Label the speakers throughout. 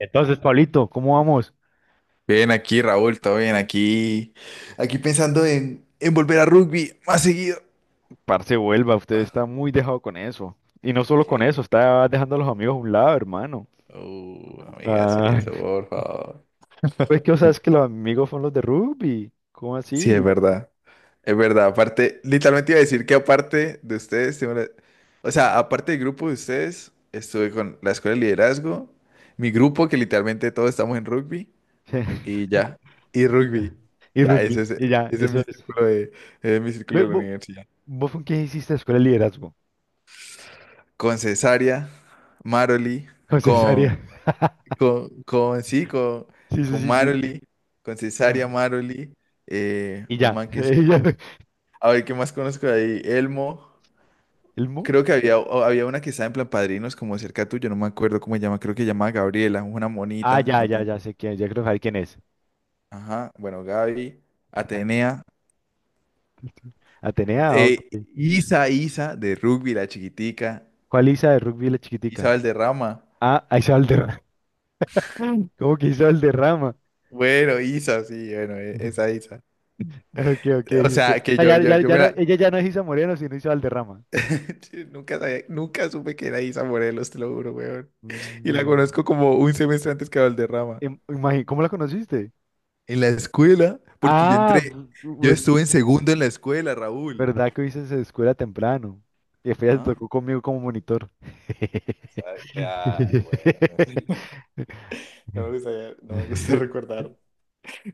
Speaker 1: Entonces, Pablito, ¿cómo vamos?
Speaker 2: Bien aquí, Raúl, todo bien aquí. Aquí pensando en volver a rugby más seguido.
Speaker 1: Parce, vuelva, usted está muy dejado con eso. Y no solo con
Speaker 2: Ok.
Speaker 1: eso, está dejando a los amigos a un lado, hermano.
Speaker 2: No me digas
Speaker 1: Ah,
Speaker 2: eso, por favor.
Speaker 1: pues que, o sea, es que los amigos son los de rugby. ¿Cómo
Speaker 2: Sí,
Speaker 1: así?
Speaker 2: es verdad. Es verdad. Aparte, literalmente iba a decir que aparte de ustedes, o sea, aparte del grupo de ustedes, estuve con la escuela de liderazgo, mi grupo, que literalmente todos estamos en rugby, y ya. Y rugby.
Speaker 1: Y
Speaker 2: Ya,
Speaker 1: rugby, y
Speaker 2: ese
Speaker 1: ya,
Speaker 2: es
Speaker 1: eso
Speaker 2: mi
Speaker 1: es.
Speaker 2: círculo ese es mi círculo
Speaker 1: Ve,
Speaker 2: de la
Speaker 1: vos
Speaker 2: universidad.
Speaker 1: ¿Vos con quién hiciste escuela de liderazgo?
Speaker 2: Con Cesaria, Maroli.
Speaker 1: Con cesárea.
Speaker 2: Con, con- sí, con,
Speaker 1: Sí, sí,
Speaker 2: con
Speaker 1: sí, sí.
Speaker 2: Maroli, con
Speaker 1: Ah.
Speaker 2: Cesaria Maroli,
Speaker 1: Y
Speaker 2: un
Speaker 1: ya.
Speaker 2: man que se...
Speaker 1: Y ya.
Speaker 2: A ver, ¿qué más conozco de ahí? Elmo,
Speaker 1: ¿El Mu?
Speaker 2: creo que había, había una que estaba en plan padrinos, como cerca tuyo, no me acuerdo cómo se llama, creo que se llamaba Gabriela, una
Speaker 1: Ah,
Speaker 2: monita,
Speaker 1: ya,
Speaker 2: no
Speaker 1: ya,
Speaker 2: tan...
Speaker 1: ya sé quién, ya creo saber quién es.
Speaker 2: Ajá, bueno, Gaby, Atenea,
Speaker 1: Atenea, ok.
Speaker 2: eh, Isa, de rugby, la chiquitica,
Speaker 1: ¿Cuál Isa de rugby, la chiquitica?
Speaker 2: Isa Valderrama,
Speaker 1: Ah, ahí. Cómo que hizo Valderrama.
Speaker 2: bueno, Isa, sí, bueno, esa Isa.
Speaker 1: Ok, ok,
Speaker 2: O
Speaker 1: ok.
Speaker 2: sea, que
Speaker 1: O
Speaker 2: yo, yo, yo me la.
Speaker 1: ella ya no es Isa Moreno, sino Isa Valderrama.
Speaker 2: Nunca supe que era Isa Morelos, te lo juro, weón. Y la
Speaker 1: No.
Speaker 2: conozco como un semestre antes que Valderrama.
Speaker 1: ¿Cómo la conociste?
Speaker 2: En la escuela, porque yo
Speaker 1: Ah,
Speaker 2: entré, yo estuve en segundo en la escuela, Raúl.
Speaker 1: verdad que hice esa escuela temprano. Y después ya se
Speaker 2: ¿Ah?
Speaker 1: tocó conmigo como monitor.
Speaker 2: Isa. Ay, bueno, no sé. No me gusta, no me gusta recordar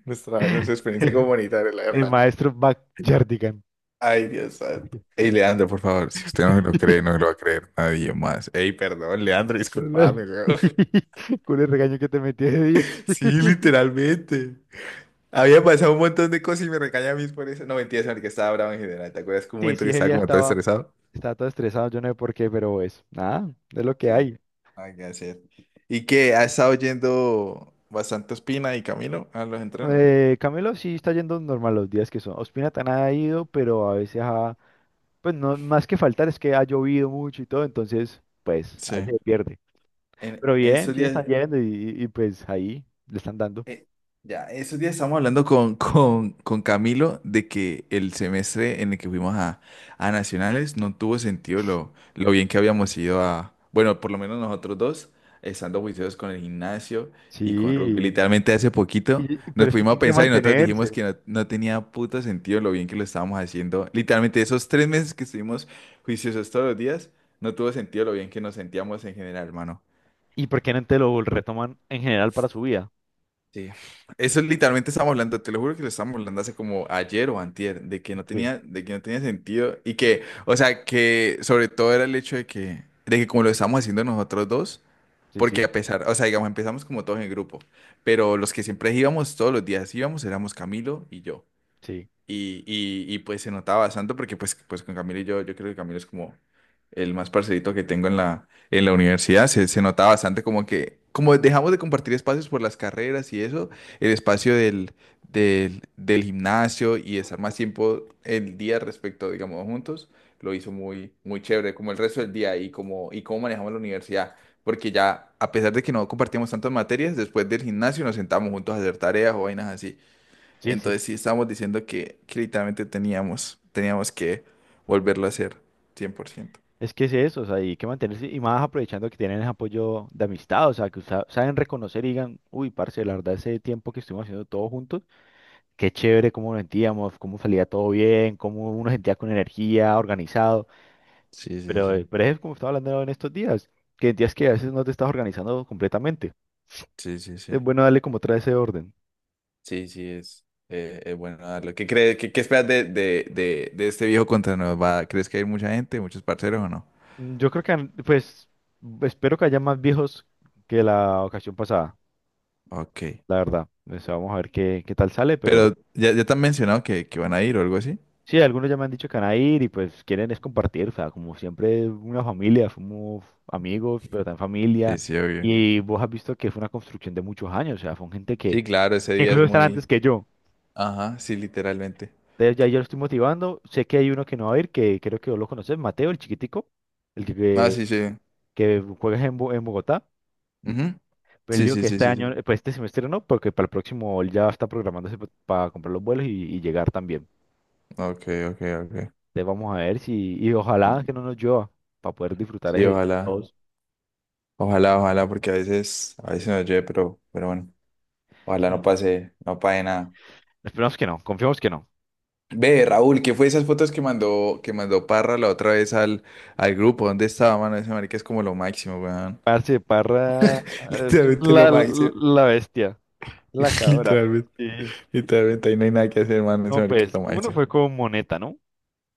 Speaker 2: nuestra experiencia comunitaria, la
Speaker 1: El
Speaker 2: verdad.
Speaker 1: maestro Backyardigan.
Speaker 2: Ay, Dios santo. Ey, Leandro, por favor, si usted no me lo cree, no me lo va a creer nadie más. Ey, perdón, Leandro,
Speaker 1: Jardigan.
Speaker 2: disculpame, weón.
Speaker 1: Con el regaño que te metí de día.
Speaker 2: Sí, literalmente. Había pasado un montón de cosas y me recaña a mí por eso. No, mentiras, en el que estaba bravo en general. ¿Te acuerdas que un
Speaker 1: Sí,
Speaker 2: momento
Speaker 1: sí,
Speaker 2: que
Speaker 1: ese
Speaker 2: estaba
Speaker 1: día
Speaker 2: como todo
Speaker 1: estaba,
Speaker 2: estresado?
Speaker 1: estaba todo estresado, yo no sé por qué, pero pues nada, es lo que
Speaker 2: Sí.
Speaker 1: hay.
Speaker 2: Hay que hacer. ¿Y que ¿Has estado yendo bastante Espina y Camilo a los entrenos?
Speaker 1: Camilo sí está yendo normal los días que son. Ospina tan ha ido, pero a veces pues no, más que faltar es que ha llovido mucho y todo, entonces pues a
Speaker 2: Sí.
Speaker 1: veces se pierde.
Speaker 2: En,
Speaker 1: Pero
Speaker 2: en
Speaker 1: bien,
Speaker 2: esos
Speaker 1: sí
Speaker 2: días.
Speaker 1: están yendo y, pues ahí le están dando.
Speaker 2: Eh, ya, esos días estábamos hablando con Camilo de que el semestre en el que fuimos a Nacionales no tuvo sentido lo bien que habíamos ido a, bueno, por lo menos nosotros dos, estando juiciosos con el gimnasio y con rugby.
Speaker 1: Sí,
Speaker 2: Literalmente hace poquito nos
Speaker 1: pero es que
Speaker 2: pudimos
Speaker 1: tienen que
Speaker 2: pensar y nosotros dijimos
Speaker 1: mantenerse.
Speaker 2: que no, no tenía puto sentido lo bien que lo estábamos haciendo. Literalmente esos tres meses que estuvimos juiciosos todos los días, no tuvo sentido lo bien que nos sentíamos en general, hermano.
Speaker 1: ¿Y por qué no te lo retoman en general para su vida?
Speaker 2: Sí, eso literalmente estamos hablando, te lo juro que lo estamos hablando hace como ayer o antier, de que no
Speaker 1: Sí,
Speaker 2: tenía, de que no tenía sentido y que, o sea, que sobre todo era el hecho de que como lo estamos haciendo nosotros dos,
Speaker 1: sí, sí,
Speaker 2: porque a pesar, o sea, digamos, empezamos como todos en grupo, pero los que siempre íbamos todos los días íbamos éramos Camilo y yo.
Speaker 1: sí,
Speaker 2: Pues se notaba bastante porque pues con Camilo y yo creo que Camilo es como el más parcerito que tengo en en la universidad. Se notaba bastante como que, como dejamos de compartir espacios por las carreras y eso, el espacio del gimnasio y estar más tiempo el día respecto, digamos, juntos, lo hizo muy chévere, como el resto del día y como, y cómo manejamos la universidad. Porque ya, a pesar de que no compartíamos tantas materias, después del gimnasio nos sentamos juntos a hacer tareas o vainas así.
Speaker 1: sí, sí,
Speaker 2: Entonces
Speaker 1: sí.
Speaker 2: sí estábamos diciendo que literalmente teníamos que volverlo a hacer 100%.
Speaker 1: Es que es eso, o sea, hay que mantenerse y más aprovechando que tienen ese apoyo de amistad, o sea, que usa- saben reconocer y digan, uy, parce, la verdad, ese tiempo que estuvimos haciendo todos juntos, qué chévere cómo nos sentíamos, cómo salía todo bien, cómo uno sentía con energía, organizado,
Speaker 2: Sí, sí, sí.
Speaker 1: pero es como estaba hablando en estos días que a veces no te estás organizando completamente.
Speaker 2: Sí, sí, sí.
Speaker 1: Es bueno darle como otra ese orden.
Speaker 2: Sí, sí, es bueno darlo. ¿Qué crees, qué esperas de este viejo contra nos va? ¿Crees que hay mucha gente, muchos parceros o no?
Speaker 1: Mm, yo creo que, pues, espero que haya más viejos que la ocasión pasada,
Speaker 2: Ok.
Speaker 1: la verdad. O sea, vamos a ver qué, qué tal sale, pero…
Speaker 2: Pero ya, ya te han mencionado que van a ir o algo así.
Speaker 1: Sí, algunos ya me han dicho que van a ir y pues quieren es compartir, o sea, como siempre una familia, somos amigos, pero también
Speaker 2: Sí,
Speaker 1: familia.
Speaker 2: sí, obvio.
Speaker 1: Y vos has visto que fue una construcción de muchos años, o sea, son gente que
Speaker 2: Sí, claro, ese día es
Speaker 1: incluso están, uy, antes,
Speaker 2: muy...
Speaker 1: uy, que yo.
Speaker 2: Ajá, sí, literalmente.
Speaker 1: Entonces ya yo lo estoy motivando. Sé que hay uno que no va a ir, que creo que vos lo conoces, Mateo, el chiquitico, el
Speaker 2: Ah, sí, sí.
Speaker 1: que juega en, en Bogotá.
Speaker 2: Ujú.
Speaker 1: Pero él
Speaker 2: Sí,
Speaker 1: dijo
Speaker 2: sí,
Speaker 1: que
Speaker 2: sí,
Speaker 1: este
Speaker 2: sí, sí.
Speaker 1: año, pues este semestre no, porque para el próximo él ya está programándose para comprar los vuelos y llegar también.
Speaker 2: Ok, ok, ok.
Speaker 1: Entonces vamos a ver si, y ojalá
Speaker 2: Mm.
Speaker 1: que no nos llueva para poder disfrutar
Speaker 2: Sí,
Speaker 1: ese.
Speaker 2: ojalá. Ojalá, ojalá, porque a veces nos llueve, pero bueno, ojalá
Speaker 1: Sí,
Speaker 2: no
Speaker 1: no.
Speaker 2: pase, no pase nada.
Speaker 1: Esperamos que no, confiamos que no.
Speaker 2: Ve, Raúl, ¿qué fue esas fotos que mandó Parra la otra vez al grupo? ¿Dónde estaba, mano? Ese marica es como lo máximo, weón.
Speaker 1: Parce, Parra es
Speaker 2: Literalmente lo
Speaker 1: la,
Speaker 2: máximo.
Speaker 1: la bestia, la cabra.
Speaker 2: Literalmente,
Speaker 1: Sí.
Speaker 2: literalmente, ahí no hay nada que hacer, mano. Ese
Speaker 1: No,
Speaker 2: marica es lo
Speaker 1: pues, uno
Speaker 2: máximo.
Speaker 1: fue con Moneta, ¿no?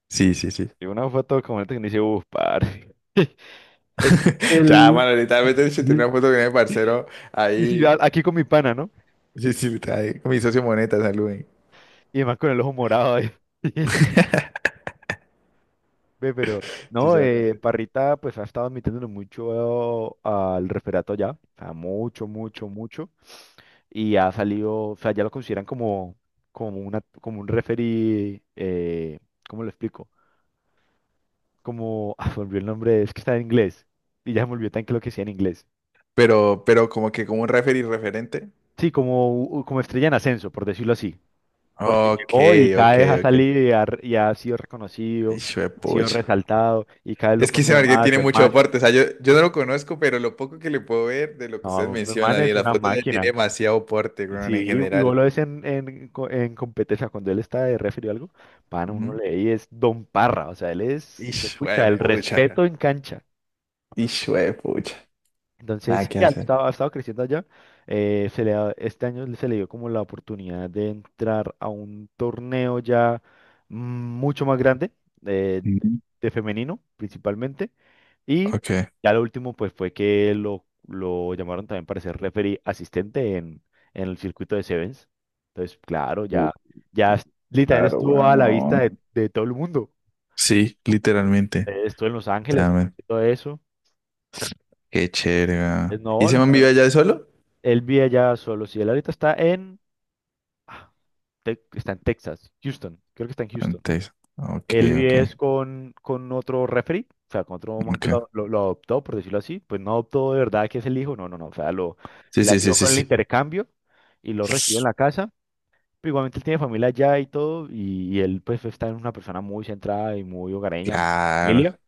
Speaker 2: Sí, sí, sí.
Speaker 1: Y una foto con Moneta que me dice, uff, parce. Es que
Speaker 2: Ya,
Speaker 1: el…
Speaker 2: mano, literalmente se
Speaker 1: Sí,
Speaker 2: tenía una foto con el parcero
Speaker 1: sí,
Speaker 2: ahí.
Speaker 1: a- aquí con mi pana, ¿no?
Speaker 2: Sí, sí, está ahí, con mi socio Moneta, saluden.
Speaker 1: Y además con el ojo morado ahí. Ve, pero…
Speaker 2: Sí,
Speaker 1: No,
Speaker 2: ya.
Speaker 1: Parrita pues ha estado metiéndole mucho al referato ya. O sea, mucho, mucho, mucho. Y ha salido, o sea, ya lo consideran como, como una, como un referee, ¿cómo lo explico? Como, ah, se me olvidó el nombre, es que está en inglés, y ya se me olvidó tan que lo que decía en inglés.
Speaker 2: Pero como que como un referee referente.
Speaker 1: Sí, como, como estrella en ascenso, por decirlo así, porque
Speaker 2: Ok,
Speaker 1: llegó y cada
Speaker 2: ok,
Speaker 1: vez ha
Speaker 2: ok.
Speaker 1: salido y ha sido reconocido,
Speaker 2: Hijo de
Speaker 1: ha sido
Speaker 2: pucha.
Speaker 1: resaltado, y cada vez lo
Speaker 2: Es que
Speaker 1: pone
Speaker 2: ese
Speaker 1: de
Speaker 2: Marguerite
Speaker 1: más,
Speaker 2: tiene
Speaker 1: de
Speaker 2: mucho
Speaker 1: más.
Speaker 2: aporte. O sea, yo no lo conozco, pero lo poco que le puedo ver de lo que ustedes
Speaker 1: No, Feman
Speaker 2: mencionan y de
Speaker 1: es
Speaker 2: las
Speaker 1: una
Speaker 2: fotos de él
Speaker 1: máquina.
Speaker 2: tiene demasiado aporte,
Speaker 1: Sí,
Speaker 2: weón, en
Speaker 1: y vos
Speaker 2: general.
Speaker 1: lo ves en, en competencia, cuando él está de referee o algo, pan, uno
Speaker 2: Ujú.
Speaker 1: le y es Don Parra, o sea, él es,
Speaker 2: Hijo de
Speaker 1: pucha, el Pucha,
Speaker 2: pucha.
Speaker 1: respeto en cancha.
Speaker 2: Hijo de pucha.
Speaker 1: Entonces,
Speaker 2: Nada que
Speaker 1: sí,
Speaker 2: hacer.
Speaker 1: ha estado creciendo allá. Este año se le dio como la oportunidad de entrar a un torneo ya, mm, mucho más grande, eh, de,
Speaker 2: Ujú.
Speaker 1: de femenino principalmente. Y
Speaker 2: Ok.
Speaker 1: ya lo último, pues fue que lo llamaron también para ser referee asistente en el circuito de Sevens. Entonces, claro,
Speaker 2: Uh,
Speaker 1: ya, ya literalmente
Speaker 2: claro,
Speaker 1: estuvo
Speaker 2: weón,
Speaker 1: a la vista
Speaker 2: no.
Speaker 1: de todo el mundo.
Speaker 2: Sí, literalmente.
Speaker 1: Estuvo en Los
Speaker 2: Ya,
Speaker 1: Ángeles,
Speaker 2: man.
Speaker 1: todo eso.
Speaker 2: Qué chévere, weón. ¿Y
Speaker 1: No,
Speaker 2: se man vive allá de solo?
Speaker 1: él vive allá solo. Si él ahorita está en, ah, está en Texas, Houston. Creo que está en Houston.
Speaker 2: Antes. Ok,
Speaker 1: Él
Speaker 2: ok,
Speaker 1: vive es con otro referee, o sea, con otro man
Speaker 2: ok.
Speaker 1: que lo adoptó, por decirlo así. Pues no adoptó de verdad que es el hijo, no, no, no. O sea, lo,
Speaker 2: Sí,
Speaker 1: le
Speaker 2: sí, sí,
Speaker 1: ayudó
Speaker 2: sí,
Speaker 1: con el
Speaker 2: sí.
Speaker 1: intercambio y lo recibió en la casa. Pero igualmente él tiene familia allá y todo. Y él, pues, está en una persona muy centrada y muy hogareña, muy
Speaker 2: Claro.
Speaker 1: familia.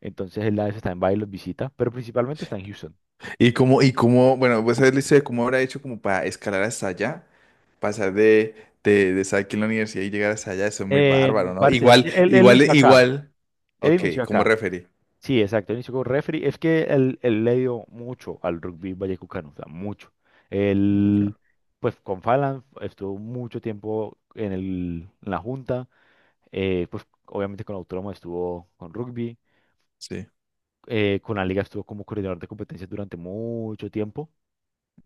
Speaker 1: Entonces él a veces está en Bali, los visita, pero principalmente está en Houston.
Speaker 2: Y cómo, bueno, pues él dice cómo habrá hecho como para escalar hasta allá, pasar de, de estar aquí en la universidad y llegar hasta allá, eso es muy
Speaker 1: En,
Speaker 2: bárbaro, ¿no?
Speaker 1: parce, es
Speaker 2: Igual,
Speaker 1: que él
Speaker 2: igual,
Speaker 1: inició acá.
Speaker 2: igual.
Speaker 1: Él
Speaker 2: Ok,
Speaker 1: inició
Speaker 2: como
Speaker 1: acá.
Speaker 2: referí.
Speaker 1: Sí, exacto. Él inició como referee. Es que él le dio mucho al rugby vallecucano, o sea, mucho.
Speaker 2: Okay.
Speaker 1: Él, pues con Falan estuvo mucho tiempo en la junta. Eh, pues obviamente con Autónomo estuvo con rugby.
Speaker 2: Sí.
Speaker 1: Eh, con la liga estuvo como coordinador de competencias durante mucho tiempo.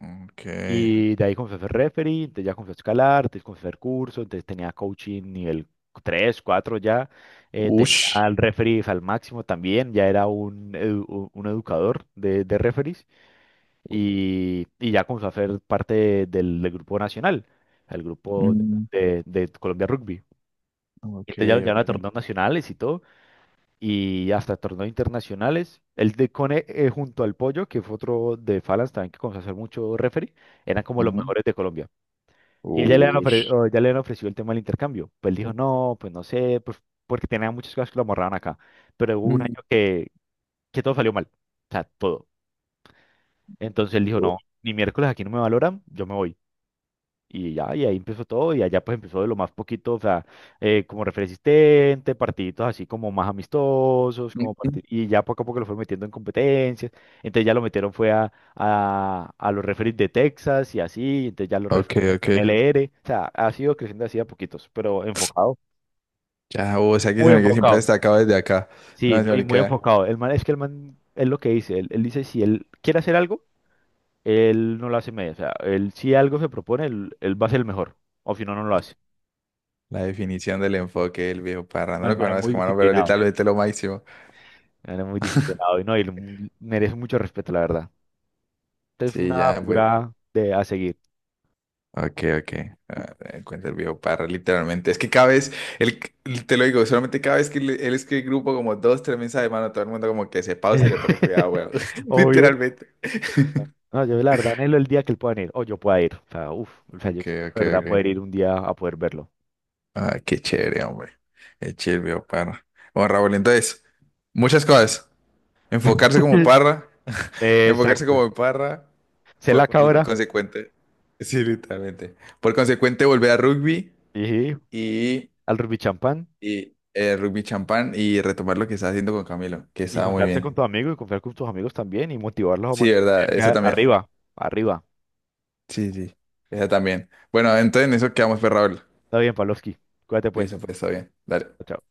Speaker 2: Ok.
Speaker 1: Y de ahí comencé a hacer referee, entonces ya comencé a escalar, entonces comencé a hacer curso, entonces tenía coaching nivel 3, 4 ya, tenía
Speaker 2: Ush.
Speaker 1: al referee al máximo también, ya era un, un educador de referees y ya comencé a hacer parte del, del grupo nacional, el grupo
Speaker 2: Mm,
Speaker 1: de Colombia Rugby.
Speaker 2: ok,
Speaker 1: Entonces ya, ya van
Speaker 2: ok.
Speaker 1: a torneos nacionales y todo, y hasta torneos internacionales. El de Cone, junto al Pollo, que fue otro de Falas también que comenzó a hacer mucho referee, eran como los
Speaker 2: Ujú.
Speaker 1: mejores de Colombia. Y ella le han
Speaker 2: Ush.
Speaker 1: ofrecido, ya le han ofrecido el tema del intercambio. Pues él dijo, no, pues no sé, pues, porque tenía muchas cosas que lo amarraban acá. Pero hubo un
Speaker 2: Mm,
Speaker 1: año que todo salió mal. O sea, todo. Entonces él dijo, no,
Speaker 2: ush.
Speaker 1: ni miércoles, aquí no me valoran, yo me voy. Y ya, y ahí empezó todo, y allá pues empezó de lo más poquito, o sea, como refresistente, partiditos así como más amistosos, como
Speaker 2: Ujú.
Speaker 1: y ya poco a poco lo fue metiendo en competencias, entonces ya lo metieron fue a los referees de Texas y así, entonces ya los referees
Speaker 2: Ok,
Speaker 1: de
Speaker 2: ok.
Speaker 1: MLR, o sea, ha sido creciendo así a poquitos, pero enfocado,
Speaker 2: Ya, o sea que
Speaker 1: muy
Speaker 2: se me que siempre
Speaker 1: enfocado,
Speaker 2: destacado desde acá.
Speaker 1: sí,
Speaker 2: No, se
Speaker 1: ¿no? Y
Speaker 2: me
Speaker 1: muy
Speaker 2: queda
Speaker 1: enfocado, el man, es que el man, es lo que dice, él dice, si él quiere hacer algo, él no lo hace medio, o sea, él si algo se propone, él va a ser el mejor, o si no, no lo hace.
Speaker 2: la definición del enfoque del viejo
Speaker 1: No, el
Speaker 2: parrandero que
Speaker 1: man es
Speaker 2: bueno, es
Speaker 1: muy
Speaker 2: como no, pero ahorita
Speaker 1: disciplinado.
Speaker 2: lo es lo máximo.
Speaker 1: Era muy disciplinado y no, merece mucho respeto, la verdad. Este es
Speaker 2: Sí,
Speaker 1: una
Speaker 2: ya, pues.
Speaker 1: figura de a seguir.
Speaker 2: Ok, ok. Ah, encuentra el viejo Parra, literalmente. Es que cada vez, él, te lo digo, solamente cada vez él escribe grupo como 2, 3 mensajes, de mano, todo el mundo como que se pausa y le pone cuidado, weón.
Speaker 1: Obvio.
Speaker 2: Literalmente.
Speaker 1: No, yo la verdad anhelo el día que él pueda ir, o yo pueda ir. O sea, uf, o sea, yo
Speaker 2: Ok,
Speaker 1: espero, de
Speaker 2: ok,
Speaker 1: verdad poder
Speaker 2: ok.
Speaker 1: ir un día a poder verlo.
Speaker 2: Ah, qué chévere, hombre. Qué chévere, el viejo Parra. Bueno, Raúl, entonces, muchas cosas. Enfocarse como Parra, enfocarse
Speaker 1: Exacto.
Speaker 2: como Parra,
Speaker 1: Ser la
Speaker 2: por
Speaker 1: cabra
Speaker 2: consecuente. Sí, literalmente. Por consecuente, volver a rugby
Speaker 1: y
Speaker 2: y.
Speaker 1: al rugby champán
Speaker 2: Y rugby champán y retomar lo que estaba haciendo con Camilo, que
Speaker 1: y
Speaker 2: estaba muy
Speaker 1: juntarse con
Speaker 2: bien.
Speaker 1: tus amigos y confiar con tus amigos también y motivarlos a
Speaker 2: Sí, ¿verdad?
Speaker 1: mantenerse,
Speaker 2: Esa también.
Speaker 1: arriba, arriba.
Speaker 2: Sí, sí. Esa también. Bueno, entonces en eso quedamos, pues, Raúl.
Speaker 1: Está bien, Pavlovsky. Cuídate pues.
Speaker 2: Listo, pues, está bien. Dale.
Speaker 1: Chao.